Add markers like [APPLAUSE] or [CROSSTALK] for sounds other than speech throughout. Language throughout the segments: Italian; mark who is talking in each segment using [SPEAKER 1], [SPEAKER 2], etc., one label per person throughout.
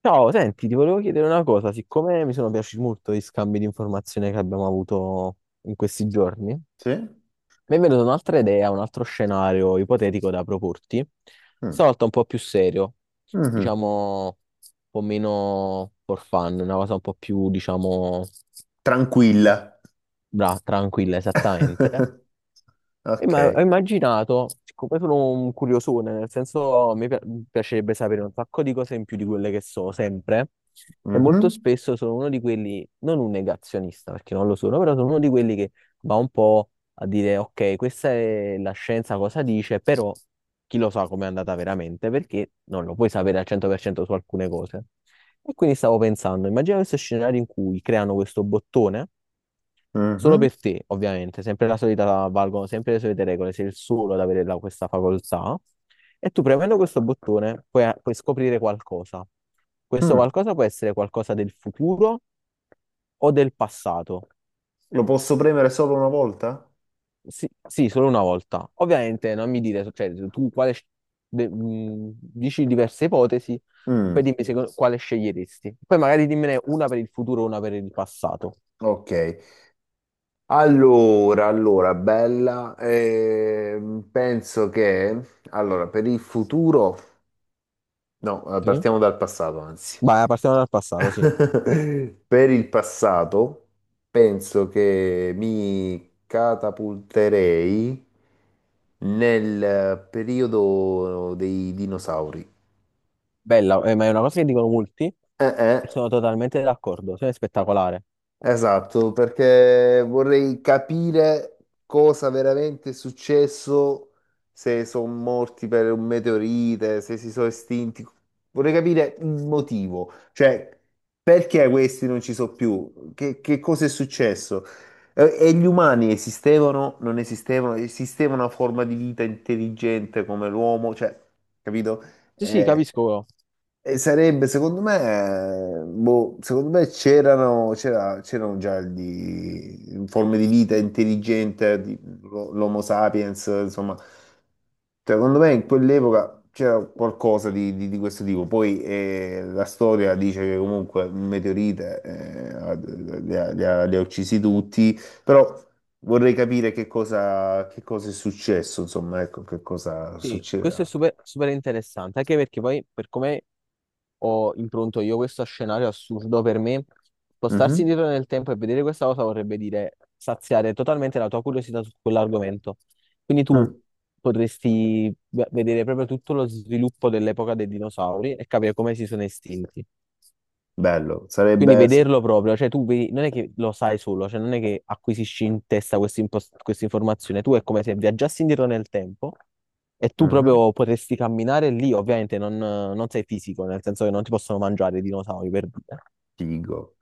[SPEAKER 1] Ciao, senti, ti volevo chiedere una cosa, siccome mi sono piaciuti molto gli scambi di informazione che abbiamo avuto in questi giorni,
[SPEAKER 2] Sì?
[SPEAKER 1] mi è venuta un'altra idea, un altro scenario ipotetico da proporti,
[SPEAKER 2] Mm.
[SPEAKER 1] stavolta un po' più serio,
[SPEAKER 2] Mhm.
[SPEAKER 1] diciamo un po' meno for fun, una cosa un po' più, diciamo,
[SPEAKER 2] Tranquilla.
[SPEAKER 1] tranquilla, esattamente.
[SPEAKER 2] [LAUGHS]
[SPEAKER 1] E ma
[SPEAKER 2] Ok.
[SPEAKER 1] ho immaginato, siccome sono un curiosone, nel senso piacerebbe sapere un sacco di cose in più di quelle che so sempre, e molto
[SPEAKER 2] Mhm.
[SPEAKER 1] spesso sono uno di quelli, non un negazionista perché non lo sono, però sono uno di quelli che va un po' a dire, ok, questa è la scienza cosa dice, però chi lo sa com'è andata veramente, perché non lo puoi sapere al 100% su alcune cose. E quindi stavo pensando, immagina questo scenario in cui creano questo bottone. Solo
[SPEAKER 2] Mhm.
[SPEAKER 1] per te, ovviamente, sempre la solita, valgono sempre le solite regole, sei il solo ad avere questa facoltà. E tu premendo questo bottone puoi scoprire qualcosa. Questo
[SPEAKER 2] Mm.
[SPEAKER 1] qualcosa può essere qualcosa del futuro o del passato.
[SPEAKER 2] Lo posso premere solo una volta?
[SPEAKER 1] Sì, sì, solo una volta. Ovviamente non mi dire, cioè, tu quale, dici diverse ipotesi, poi
[SPEAKER 2] Mm.
[SPEAKER 1] dimmi quale sceglieresti. Poi magari dimmene una per il futuro e una per il passato.
[SPEAKER 2] Ok. Allora, allora, bella. Penso che... Allora, per il futuro... No,
[SPEAKER 1] Sì?
[SPEAKER 2] partiamo dal passato, anzi.
[SPEAKER 1] Vai, partiamo dal passato, sì.
[SPEAKER 2] [LAUGHS] Per il passato penso che mi catapulterei nel periodo dei dinosauri.
[SPEAKER 1] Bella, ma è una cosa che dicono molti
[SPEAKER 2] Eh,
[SPEAKER 1] e
[SPEAKER 2] eh,
[SPEAKER 1] sono totalmente d'accordo, cioè è spettacolare.
[SPEAKER 2] Esatto, perché vorrei capire cosa veramente è successo, se sono morti per un meteorite, se si sono estinti. Vorrei capire il motivo, cioè perché questi non ci sono più, che cosa è successo. E gli umani esistevano, non esistevano, esisteva una forma di vita intelligente come l'uomo, cioè, capito?
[SPEAKER 1] Sì, sì,
[SPEAKER 2] Eh,
[SPEAKER 1] capisco.
[SPEAKER 2] e sarebbe, secondo me, boh, secondo me c'erano già di, forme di vita intelligente, di- l'O- l'Homo sapiens, insomma, secondo me in quell'epoca c'era qualcosa di questo tipo. Poi la storia dice che comunque un meteorite li ha uccisi tutti, però vorrei capire che cosa è successo, insomma, ecco, che cosa
[SPEAKER 1] Sì, questo è
[SPEAKER 2] succederà.
[SPEAKER 1] super, super interessante, anche perché poi per come ho impronto io questo scenario assurdo per me, spostarsi
[SPEAKER 2] Mhm.
[SPEAKER 1] indietro nel tempo e vedere questa cosa vorrebbe dire saziare totalmente la tua curiosità su quell'argomento. Quindi tu
[SPEAKER 2] Mm.
[SPEAKER 1] potresti vedere proprio tutto lo sviluppo dell'epoca dei dinosauri e capire come si sono estinti.
[SPEAKER 2] Bello,
[SPEAKER 1] Quindi
[SPEAKER 2] sarebbe.
[SPEAKER 1] vederlo proprio, cioè tu vedi, non è che lo sai solo, cioè non è che acquisisci in testa questa informazione, tu è come se viaggiassi indietro nel tempo e tu
[SPEAKER 2] Mhm,
[SPEAKER 1] proprio potresti camminare lì, ovviamente non sei fisico, nel senso che non ti possono mangiare i dinosauri per dire,
[SPEAKER 2] figo.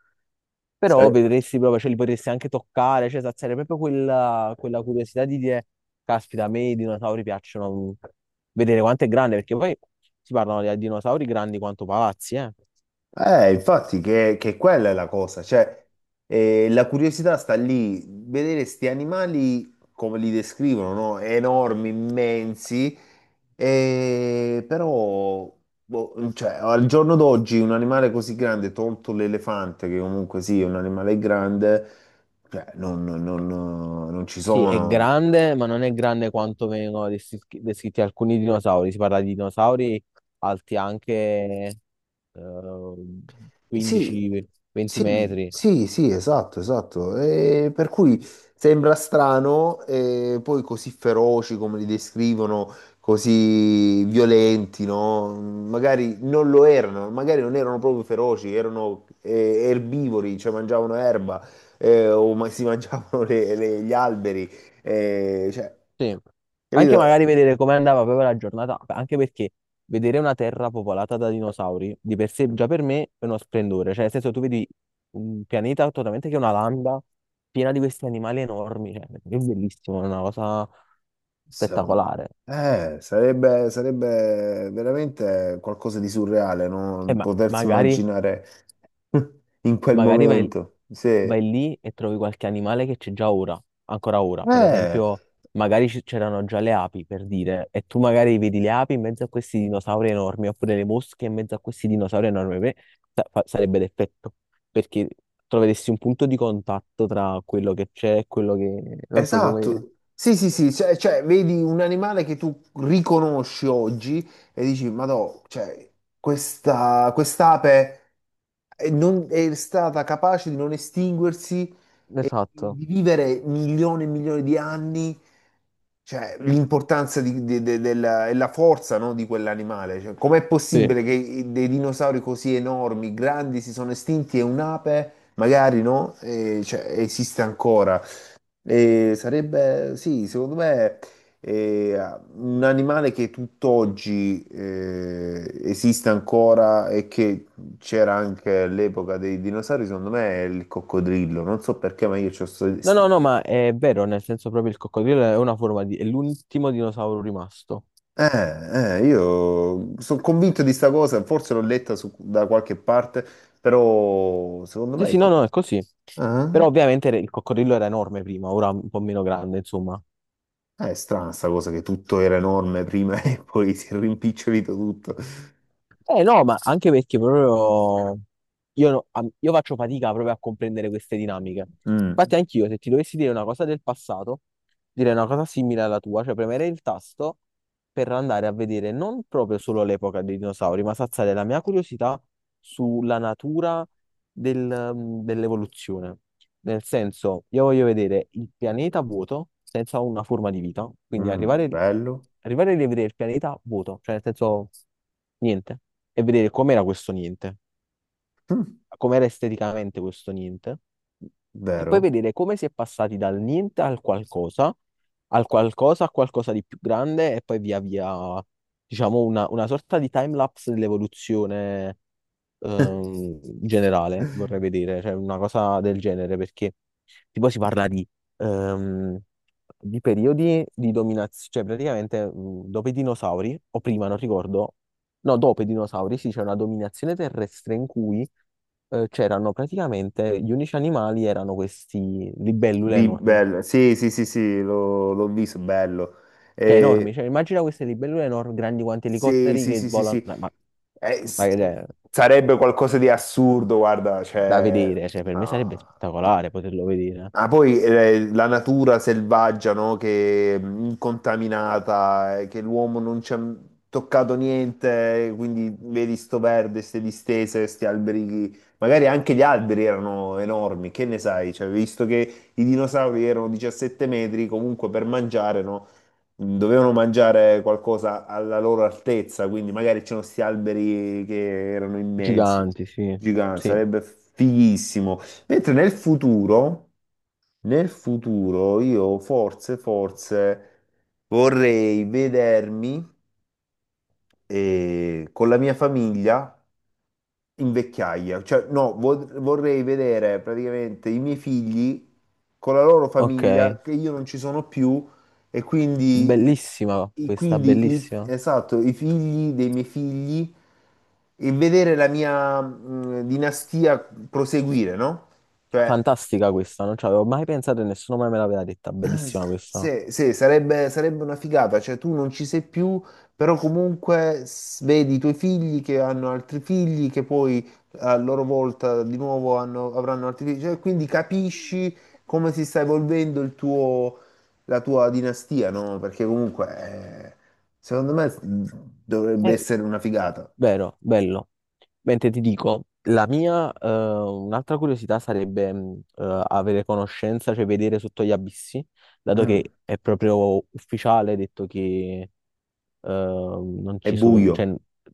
[SPEAKER 1] però
[SPEAKER 2] Sare-
[SPEAKER 1] vedresti proprio, cioè li potresti anche toccare, cioè sarebbe proprio quella, quella curiosità di dire, caspita, a me i dinosauri piacciono vedere quanto è grande, perché poi si parlano di dinosauri grandi quanto palazzi, eh.
[SPEAKER 2] Infatti che quella è la cosa, cioè la curiosità sta lì, vedere sti animali come li descrivono, no? Enormi, immensi, e però boh, cioè, al giorno d'oggi un animale così grande, tolto l'elefante, che comunque sì, è un animale grande, cioè, non ci
[SPEAKER 1] Sì, è
[SPEAKER 2] sono.
[SPEAKER 1] grande, ma non è grande quanto vengono descritti, descritti alcuni dinosauri. Si parla di dinosauri alti anche
[SPEAKER 2] Sì,
[SPEAKER 1] 15-20
[SPEAKER 2] sì,
[SPEAKER 1] metri.
[SPEAKER 2] sì, sì, esatto, esatto. E per cui sembra strano, e poi così feroci come li descrivono, così violenti, no? Magari non lo erano, magari non erano proprio feroci, erano erbivori, cioè mangiavano erba, o ma- si [LAUGHS] mangiavano gli alberi, cioè,
[SPEAKER 1] Sì. Anche
[SPEAKER 2] capito?
[SPEAKER 1] magari vedere come andava proprio la giornata, anche perché vedere una terra popolata da dinosauri di per sé già per me è uno splendore. Cioè, nel senso, tu vedi un pianeta totalmente che è una landa piena di questi animali enormi. Cioè, è bellissimo, è una cosa
[SPEAKER 2] Secondo-
[SPEAKER 1] spettacolare.
[SPEAKER 2] Sarebbe, sarebbe veramente qualcosa di surreale,
[SPEAKER 1] E
[SPEAKER 2] no?
[SPEAKER 1] ma
[SPEAKER 2] Potersi
[SPEAKER 1] magari.
[SPEAKER 2] immaginare [LAUGHS] in quel
[SPEAKER 1] Magari vai,
[SPEAKER 2] momento. Sì.
[SPEAKER 1] vai lì e trovi qualche animale che c'è già ora, ancora ora. Per esempio, magari c'erano già le api, per dire, e tu magari vedi le api in mezzo a questi dinosauri enormi, oppure le mosche in mezzo a questi dinosauri enormi. Per me sarebbe l'effetto, perché troveresti un punto di contatto tra quello che c'è e quello che... Non so come...
[SPEAKER 2] Esatto. Sì, sì, sì, cioè, cioè, vedi un animale che tu riconosci oggi e dici, ma no, cioè, questa, quest'ape è, non- è stata capace di non estinguersi e
[SPEAKER 1] Esatto.
[SPEAKER 2] di vivere milioni e milioni di anni. Cioè, l'importanza di- de- de- della, e la forza, no, di quell'animale. Cioè, com'è
[SPEAKER 1] Sì.
[SPEAKER 2] possibile che i- dei dinosauri così enormi, grandi, si sono estinti e un'ape, magari, no, cioè, esiste ancora? E sarebbe, sì, secondo me, eh, un animale che tutt'oggi esiste ancora e che c'era anche all'epoca dei dinosauri, secondo me, è il coccodrillo. Non so perché, ma io ho questa
[SPEAKER 1] No, no, no,
[SPEAKER 2] idea.
[SPEAKER 1] ma è vero, nel senso proprio il coccodrillo è una forma di... è l'ultimo dinosauro rimasto.
[SPEAKER 2] Io sono convinto di sta cosa, forse l'ho letta su- da qualche parte, però secondo
[SPEAKER 1] Sì,
[SPEAKER 2] me
[SPEAKER 1] sì, no,
[SPEAKER 2] ecco,
[SPEAKER 1] no, è così.
[SPEAKER 2] ah,
[SPEAKER 1] Però ovviamente il coccodrillo era enorme prima, ora è un po' meno grande, insomma.
[SPEAKER 2] è strana sta cosa che tutto era enorme prima [LAUGHS] e poi si è rimpicciolito tutto.
[SPEAKER 1] Eh no, ma anche perché proprio io, io faccio fatica proprio a comprendere queste dinamiche.
[SPEAKER 2] Mm,
[SPEAKER 1] Infatti anch'io, se ti dovessi dire una cosa del passato, direi una cosa simile alla tua, cioè premere il tasto per andare a vedere non proprio solo l'epoca dei dinosauri, ma saziare la mia curiosità sulla natura del- mm, dell'evoluzione. Nel senso, io voglio vedere il pianeta vuoto senza una forma di vita, quindi
[SPEAKER 2] mm,
[SPEAKER 1] arrivare,
[SPEAKER 2] bello.
[SPEAKER 1] arrivare a rivedere il pianeta vuoto, cioè nel senso niente, e vedere com'era questo niente,
[SPEAKER 2] Mm,
[SPEAKER 1] com'era esteticamente questo niente, e poi
[SPEAKER 2] vero?
[SPEAKER 1] vedere come si è passati dal niente al qualcosa, al qualcosa, a qualcosa di più grande, e poi via via, diciamo, una sorta di time lapse dell'evoluzione ehm,
[SPEAKER 2] [LAUGHS]
[SPEAKER 1] in generale vorrei vedere, cioè una cosa del genere, perché tipo si parla ehm, di periodi di dominazione, cioè praticamente dopo i dinosauri, o prima, non ricordo, no, dopo i dinosauri, sì, c'è una dominazione terrestre in cui c'erano praticamente gli unici animali erano questi libellule
[SPEAKER 2] Di
[SPEAKER 1] enormi.
[SPEAKER 2] bello, sì, sì, sì, sì, l'ho visto, bello.
[SPEAKER 1] Cioè, enormi,
[SPEAKER 2] Eh,
[SPEAKER 1] cioè, immagina queste libellule enormi, grandi quanti
[SPEAKER 2] sì,
[SPEAKER 1] elicotteri
[SPEAKER 2] sì,
[SPEAKER 1] che
[SPEAKER 2] sì, sì,
[SPEAKER 1] volano,
[SPEAKER 2] sì. S-
[SPEAKER 1] è
[SPEAKER 2] sarebbe qualcosa di assurdo, guarda,
[SPEAKER 1] da
[SPEAKER 2] cioè,
[SPEAKER 1] vedere, cioè, per me sarebbe
[SPEAKER 2] no.
[SPEAKER 1] spettacolare
[SPEAKER 2] Eh.
[SPEAKER 1] poterlo vedere.
[SPEAKER 2] Ah, poi la natura selvaggia, no? Che incontaminata, che l'uomo non ci ha toccato niente, quindi vedi sto verde, queste distese, questi alberi, magari anche gli alberi erano enormi, che ne sai? Cioè, visto che i dinosauri erano 17 metri, comunque per mangiare, no? Mm, dovevano mangiare qualcosa alla loro altezza, quindi magari c'erano questi alberi che erano immensi,
[SPEAKER 1] Giganti, sì,
[SPEAKER 2] giganti,
[SPEAKER 1] sì.
[SPEAKER 2] sarebbe fighissimo. Mentre nel futuro io forse, forse vorrei vedermi con la mia famiglia in vecchiaia, cioè no, vo- vorrei vedere praticamente i miei figli con la loro
[SPEAKER 1] Ok,
[SPEAKER 2] famiglia che io non ci sono più e
[SPEAKER 1] bellissima questa,
[SPEAKER 2] quindi i-
[SPEAKER 1] bellissima.
[SPEAKER 2] esatto, i figli dei miei figli e vedere la mia dinastia proseguire, no? Cioè,
[SPEAKER 1] Fantastica questa, non ci avevo mai pensato e nessuno mai me l'aveva detta. Bellissima questa.
[SPEAKER 2] sì, sì, sarebbe, sarebbe una figata, cioè tu non ci sei più, però comunque s- vedi i tuoi figli che hanno altri figli, che poi a loro volta di nuovo hanno- avranno altri figli, cioè, quindi capisci come si sta evolvendo il tuo, la tua dinastia, no? Perché comunque, eh, secondo me mm, dovrebbe
[SPEAKER 1] Eh,
[SPEAKER 2] essere una figata.
[SPEAKER 1] vero, bello. Mentre ti dico, la mia, un'altra curiosità sarebbe avere conoscenza, cioè vedere sotto gli abissi, dato
[SPEAKER 2] Mm.
[SPEAKER 1] che è proprio ufficiale, detto che non
[SPEAKER 2] È
[SPEAKER 1] ci sono,
[SPEAKER 2] buio,
[SPEAKER 1] cioè,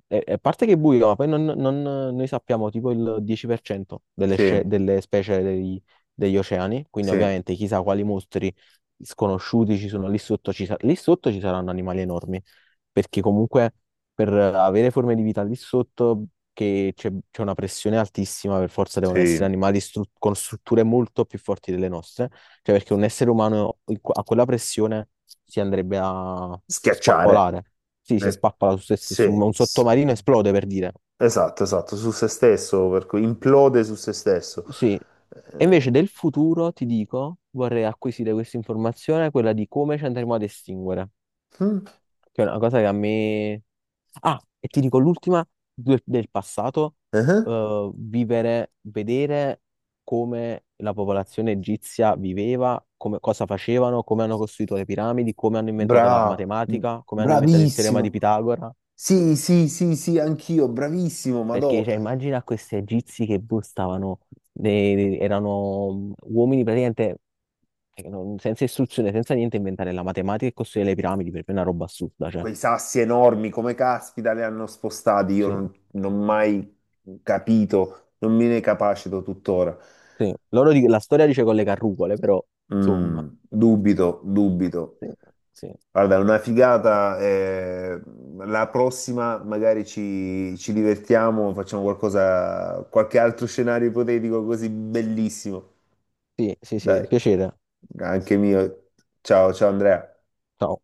[SPEAKER 1] a parte che è buio, ma poi noi sappiamo tipo il 10% delle,
[SPEAKER 2] sì,
[SPEAKER 1] delle specie degli oceani, quindi
[SPEAKER 2] sì,
[SPEAKER 1] ovviamente chissà quali mostri sconosciuti ci sono lì sotto, lì sotto ci saranno animali enormi, perché comunque per avere forme di vita lì sotto, che c'è una pressione altissima, per forza devono essere
[SPEAKER 2] sì,
[SPEAKER 1] animali con strutture molto più forti delle nostre, cioè perché un essere umano in a quella pressione si andrebbe a
[SPEAKER 2] schiacciare.
[SPEAKER 1] spappolare. Sì, si
[SPEAKER 2] Eh,
[SPEAKER 1] spappola su se stesso,
[SPEAKER 2] Sì.
[SPEAKER 1] un sottomarino esplode per dire.
[SPEAKER 2] Esatto, esatto, su se stesso, per cui implode su se stesso.
[SPEAKER 1] Sì. E
[SPEAKER 2] Eh,
[SPEAKER 1] invece del futuro ti dico, vorrei acquisire questa informazione, quella di come ci andremo ad estinguere.
[SPEAKER 2] mm,
[SPEAKER 1] Che è una cosa che a me... Ah, e ti dico l'ultima del, del passato,
[SPEAKER 2] eh,
[SPEAKER 1] vivere, vedere come la popolazione egizia viveva, cosa facevano, come hanno costruito le piramidi, come hanno inventato la
[SPEAKER 2] bra- mm,
[SPEAKER 1] matematica, come hanno inventato il teorema di
[SPEAKER 2] bravissimo.
[SPEAKER 1] Pitagora.
[SPEAKER 2] Sì, sì, sì, sì, anch'io, bravissimo, madò.
[SPEAKER 1] Perché cioè, immagina questi egizi che boh, stavano, erano uomini praticamente senza istruzione, senza niente, inventare la matematica e costruire le piramidi, per me è una roba assurda, cioè,
[SPEAKER 2] Quei sassi enormi, come caspita, li hanno spostati, io
[SPEAKER 1] sì.
[SPEAKER 2] non ho mai capito, non me ne capacito tuttora.
[SPEAKER 1] Sì, loro la storia dice con le carrucole, però insomma,
[SPEAKER 2] Mm, dubito, dubito.
[SPEAKER 1] sì, sì,
[SPEAKER 2] Guarda, è una figata. Eh, la prossima magari ci divertiamo, facciamo qualcosa, qualche altro scenario ipotetico così bellissimo.
[SPEAKER 1] sì, sì, sì,
[SPEAKER 2] Dai,
[SPEAKER 1] piacere.
[SPEAKER 2] anche mio. Ciao, ciao Andrea.
[SPEAKER 1] Ciao.